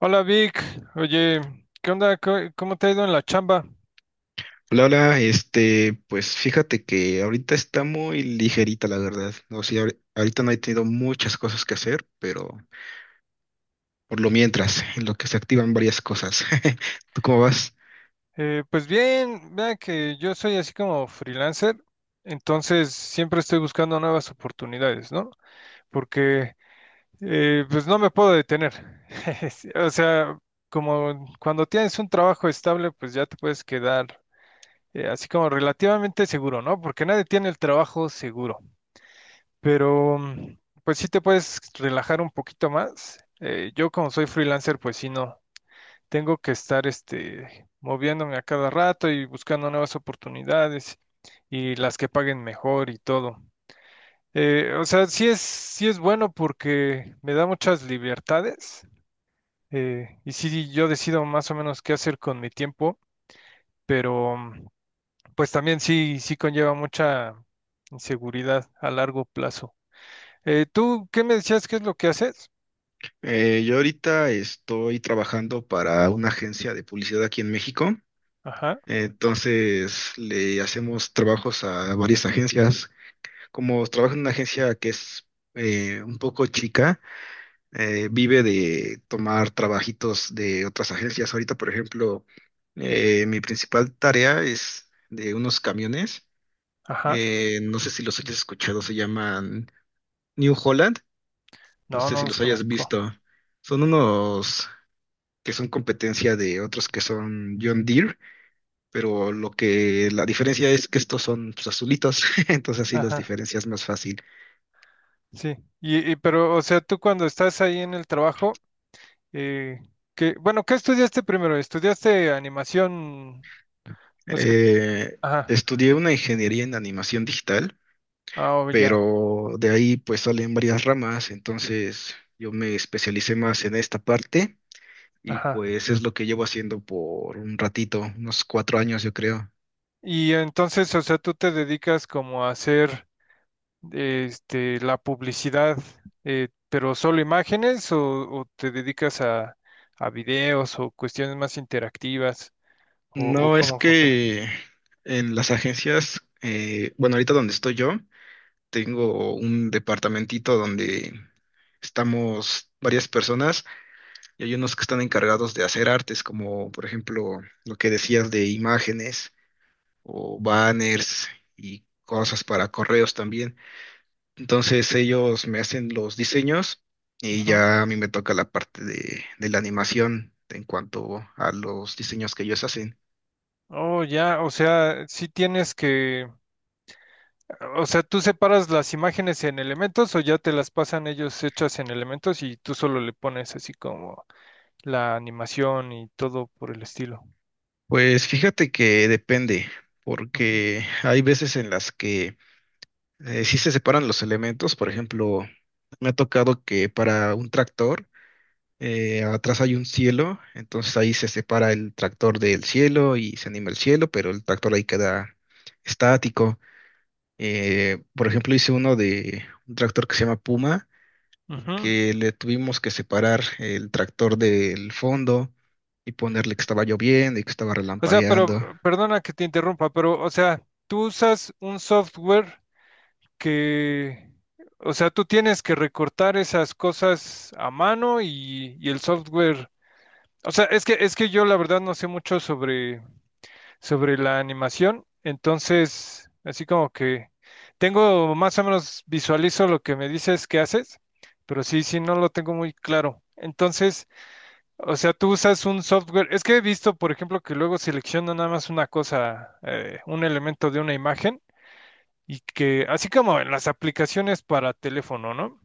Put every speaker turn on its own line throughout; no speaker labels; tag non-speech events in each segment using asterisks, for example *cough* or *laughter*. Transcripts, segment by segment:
Hola Vic, oye, ¿qué onda? ¿Cómo te ha ido en la chamba?
Hola, hola, pues fíjate que ahorita está muy ligerita, la verdad. O sea, ahorita no he tenido muchas cosas que hacer, pero por lo mientras, en lo que se activan varias cosas. *laughs* ¿Tú cómo vas?
Pues bien, vea que yo soy así como freelancer, entonces siempre estoy buscando nuevas oportunidades, ¿no? Porque pues no me puedo detener. *laughs* Sí. O sea, como cuando tienes un trabajo estable, pues ya te puedes quedar así como relativamente seguro, ¿no? Porque nadie tiene el trabajo seguro, pero pues sí te puedes relajar un poquito más. Yo como soy freelancer, pues sí no. Tengo que estar este, moviéndome a cada rato y buscando nuevas oportunidades y las que paguen mejor y todo. O sea, sí es bueno porque me da muchas libertades, y sí yo decido más o menos qué hacer con mi tiempo, pero pues también sí, sí conlleva mucha inseguridad a largo plazo. ¿Tú qué me decías? ¿Qué es lo que haces?
Yo ahorita estoy trabajando para una agencia de publicidad aquí en México.
Ajá,
Entonces, le hacemos trabajos a varias agencias. Como trabajo en una agencia que es un poco chica, vive de tomar trabajitos de otras agencias. Ahorita, por ejemplo, mi principal tarea es de unos camiones.
ajá.
No sé si los hayas escuchado, se llaman New Holland. No
No,
sé
no
si
los
los hayas
conozco.
visto. Son unos que son competencia de otros que son John Deere, pero lo que la diferencia es que estos son pues, azulitos, *laughs* entonces así los
Ajá.
diferencias más fácil.
Sí, pero, o sea, tú cuando estás ahí en el trabajo, eh, que, bueno, ¿qué estudiaste primero? ¿Estudiaste animación? O sea,
Eh,
ajá,
estudié una ingeniería en animación digital,
ah, oh, ya,
pero de ahí pues salen varias ramas, entonces yo me especialicé más en esta parte y
ajá.
pues es lo que llevo haciendo por un ratito, unos 4 años yo creo.
Y entonces, o sea, tú te dedicas como a hacer, este, la publicidad, pero solo imágenes o te dedicas a videos o cuestiones más interactivas o
No, es
cómo funciona.
que en las agencias, bueno, ahorita donde estoy yo, tengo un departamentito donde estamos varias personas y hay unos que están encargados de hacer artes, como por ejemplo lo que decías de imágenes o banners y cosas para correos también. Entonces ellos me hacen los diseños y
Ujú.
ya a mí me toca la parte de la animación en cuanto a los diseños que ellos hacen.
Oh, ya, o sea, sí tienes que. O sea, ¿tú separas las imágenes en elementos o ya te las pasan ellos hechas en elementos y tú solo le pones así como la animación y todo por el estilo?
Pues fíjate que depende,
Ujú,
porque hay veces en las que sí se separan los elementos. Por ejemplo, me ha tocado que para un tractor atrás hay un cielo, entonces ahí se separa el tractor del cielo y se anima el cielo, pero el tractor ahí queda estático. Por ejemplo, hice uno de un tractor que se llama Puma,
ujú.
que le tuvimos que separar el tractor del fondo y ponerle que estaba lloviendo y que estaba
O sea, pero
relampagueando.
perdona que te interrumpa, pero o sea, tú usas un software que, o sea, tú tienes que recortar esas cosas a mano y el software, o sea, es que yo la verdad no sé mucho sobre sobre la animación. Entonces, así como que tengo más o menos visualizo lo que me dices que haces, pero sí, sí, no lo tengo muy claro. Entonces, o sea, tú usas un software. Es que he visto, por ejemplo, que luego selecciona nada más una cosa, un elemento de una imagen, y que, así como en las aplicaciones para teléfono, ¿no?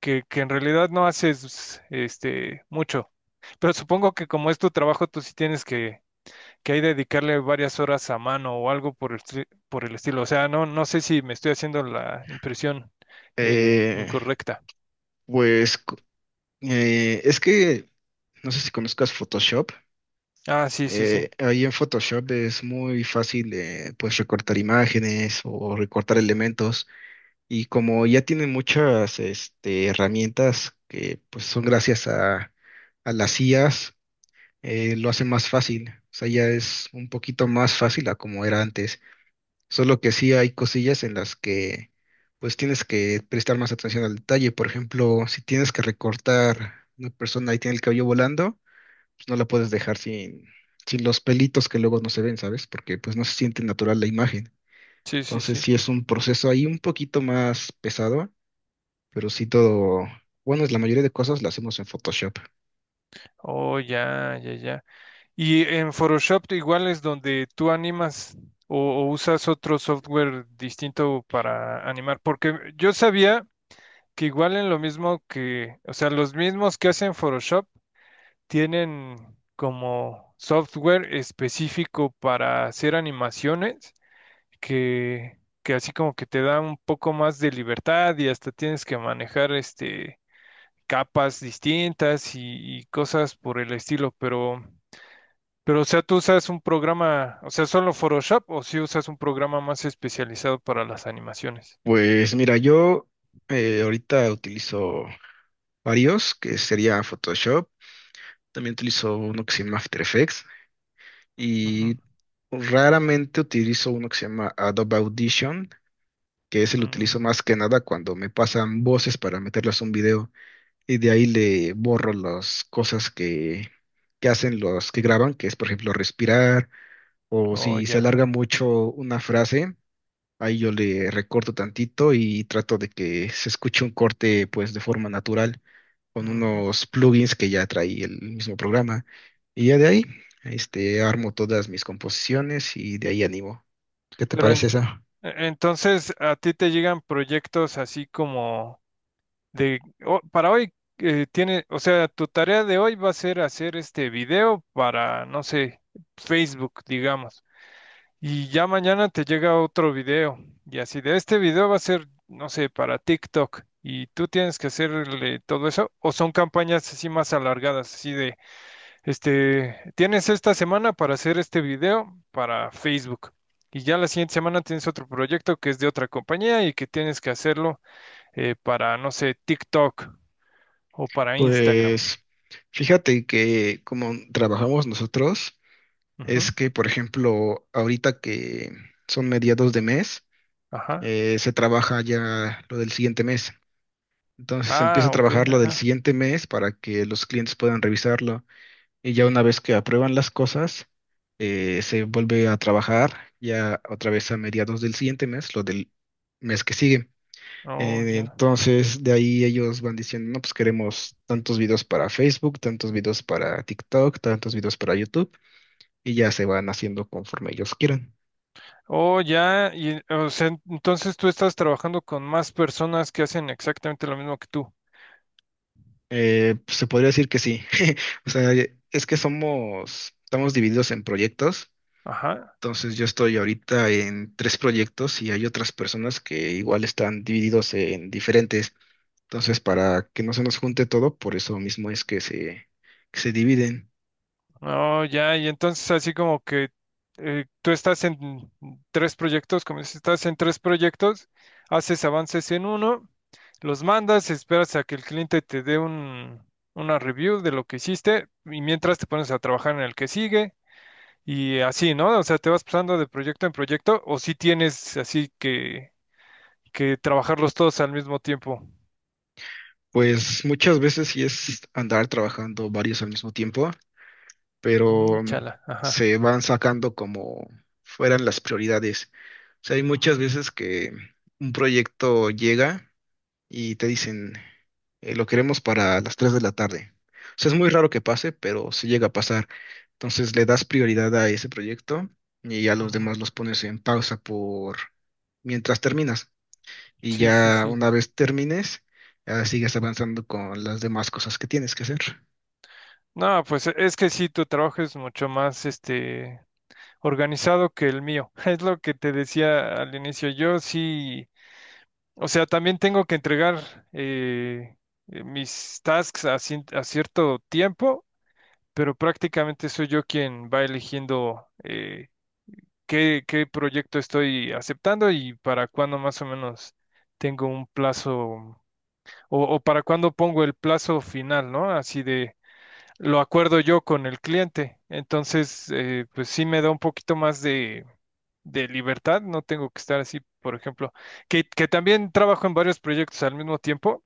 Que en realidad no haces este mucho. Pero supongo que como es tu trabajo, tú sí tienes que hay de dedicarle varias horas a mano o algo por el, por el estilo. O sea, no, no sé si me estoy haciendo la impresión
Eh,
incorrecta.
pues es que no sé si conozcas Photoshop.
Ah, sí, sí, sí.
Ahí en Photoshop es muy fácil, pues recortar imágenes o recortar elementos, y como ya tienen muchas herramientas que pues son gracias a las IAs, lo hace más fácil. O sea, ya es un poquito más fácil a como era antes. Solo que sí hay cosillas en las que pues tienes que prestar más atención al detalle. Por ejemplo, si tienes que recortar una persona y tiene el cabello volando, pues no la puedes dejar sin los pelitos que luego no se ven, ¿sabes? Porque pues no se siente natural la imagen.
Sí, sí,
Entonces
sí.
sí es un proceso ahí un poquito más pesado, pero sí todo, bueno, es la mayoría de cosas las hacemos en Photoshop.
Oh, ya, ya, ya. Y en Photoshop igual es donde tú animas o usas otro software distinto para animar, porque yo sabía que igual en lo mismo que, o sea, los mismos que hacen Photoshop tienen como software específico para hacer animaciones que así como que te da un poco más de libertad y hasta tienes que manejar este capas distintas y cosas por el estilo, pero o sea, tú usas un programa, o sea, solo Photoshop o si usas un programa más especializado para las animaciones.
Pues mira, yo ahorita utilizo varios, que sería Photoshop. También utilizo uno que se llama After Effects
Ujú.
y raramente utilizo uno que se llama Adobe Audition, que ese lo utilizo
Mm,
más que nada cuando me pasan voces para meterlas a un video y de ahí le borro las cosas que hacen los que graban, que es por ejemplo respirar o
oh,
si se
ya.
alarga mucho una frase. Ahí yo le recorto tantito y trato de que se escuche un corte pues de forma natural, con
Ujú.
unos plugins que ya trae el mismo programa. Y ya de ahí, armo todas mis composiciones y de ahí animo. ¿Qué te
Pero en-
parece esa?
entonces, ¿a ti te llegan proyectos así como de o- para hoy tiene, o sea, tu tarea de hoy va a ser hacer este video para, no sé, Facebook, digamos. Y ya mañana te llega otro video. Y así de este video va a ser, no sé, para TikTok. Y tú tienes que hacerle todo eso. O son campañas así más alargadas, así de, este, tienes esta semana para hacer este video para Facebook. Y ya la siguiente semana tienes otro proyecto que es de otra compañía y que tienes que hacerlo para, no sé, TikTok o para Instagram.
Pues fíjate que como trabajamos nosotros, es
Ujú,
que, por ejemplo, ahorita que son mediados de mes,
ajá.
se trabaja ya lo del siguiente mes. Entonces se empieza
Ah,
a
ok,
trabajar lo del
ajá.
siguiente mes para que los clientes puedan revisarlo. Y ya una vez que aprueban las cosas, se vuelve a trabajar ya otra vez a mediados del siguiente mes, lo del mes que sigue.
Oh,
Eh,
ya.
entonces, de ahí ellos van diciendo, no, pues queremos tantos videos para Facebook, tantos videos para TikTok, tantos videos para YouTube, y ya se van haciendo conforme ellos quieran.
Oh, ya. Y, o sea, entonces tú estás trabajando con más personas que hacen exactamente lo mismo que tú.
Pues, se podría decir que sí. *laughs* O sea, es que somos, estamos divididos en proyectos.
Ajá.
Entonces yo estoy ahorita en tres proyectos y hay otras personas que igual están divididos en diferentes. Entonces para que no se nos junte todo, por eso mismo es que que se dividen.
Oh, ya. Y entonces así como que tú estás en tres proyectos, como dices, estás en tres proyectos, haces avances en uno, los mandas, esperas a que el cliente te dé un, una review de lo que hiciste y mientras te pones a trabajar en el que sigue. Y así, ¿no? O sea, te vas pasando de proyecto en proyecto, o si tienes así que trabajarlos todos al mismo tiempo.
Pues muchas veces sí es andar trabajando varios al mismo tiempo,
Mm,
pero
chala, ajá.
se van sacando como fueran las prioridades. O sea, hay muchas
Mm,
veces que un proyecto llega y te dicen, lo queremos para las 3 de la tarde. O sea, es muy raro que pase, pero sí llega a pasar. Entonces le das prioridad a ese proyecto y ya los
ujú.
demás los pones en pausa por mientras terminas. Y
Sí, sí,
ya
sí.
una vez termines, ya sigues avanzando con las demás cosas que tienes que hacer.
No, pues es que sí, tu trabajo es mucho más este organizado que el mío. *laughs* Es lo que te decía al inicio. Yo sí, o sea, también tengo que entregar eh, mis tasks a, a cierto tiempo, pero prácticamente soy yo quien va eligiendo. Qué, qué proyecto estoy aceptando y para cuándo más o menos tengo un plazo o para cuándo pongo el plazo final, ¿no? Así de, lo acuerdo yo con el cliente. Entonces, pues sí me da un poquito más de libertad, no tengo que estar así, por ejemplo, que también trabajo en varios proyectos al mismo tiempo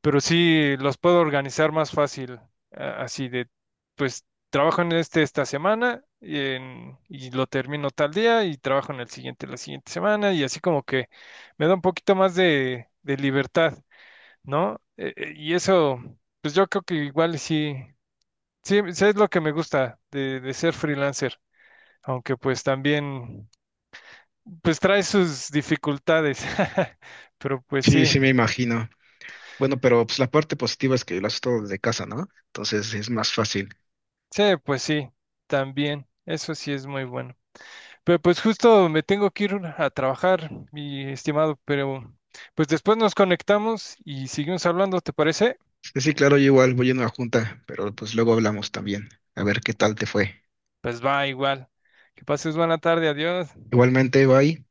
pero sí los puedo organizar más fácil, así de, pues trabajo en este esta semana y, y lo termino tal día y trabajo en el siguiente la siguiente semana y así como que me da un poquito más de libertad, ¿no? Y eso, pues yo creo que igual sí, sí, sí es lo que me gusta de ser freelancer, aunque pues también, pues trae sus dificultades, *laughs* pero pues sí,
Sí, sí, me imagino. Bueno, pero pues la parte positiva es que lo haces todo desde casa, ¿no? Entonces es más fácil.
sí, pues sí, también, eso sí es muy bueno. Pero pues justo me tengo que ir a trabajar, mi estimado, pero pues después nos conectamos y seguimos hablando, ¿te parece?
Sí, sí, claro, yo igual voy a una junta, pero pues luego hablamos también. A ver qué tal te fue.
Pues va igual. Que pases buena tarde, adiós.
Igualmente, bye.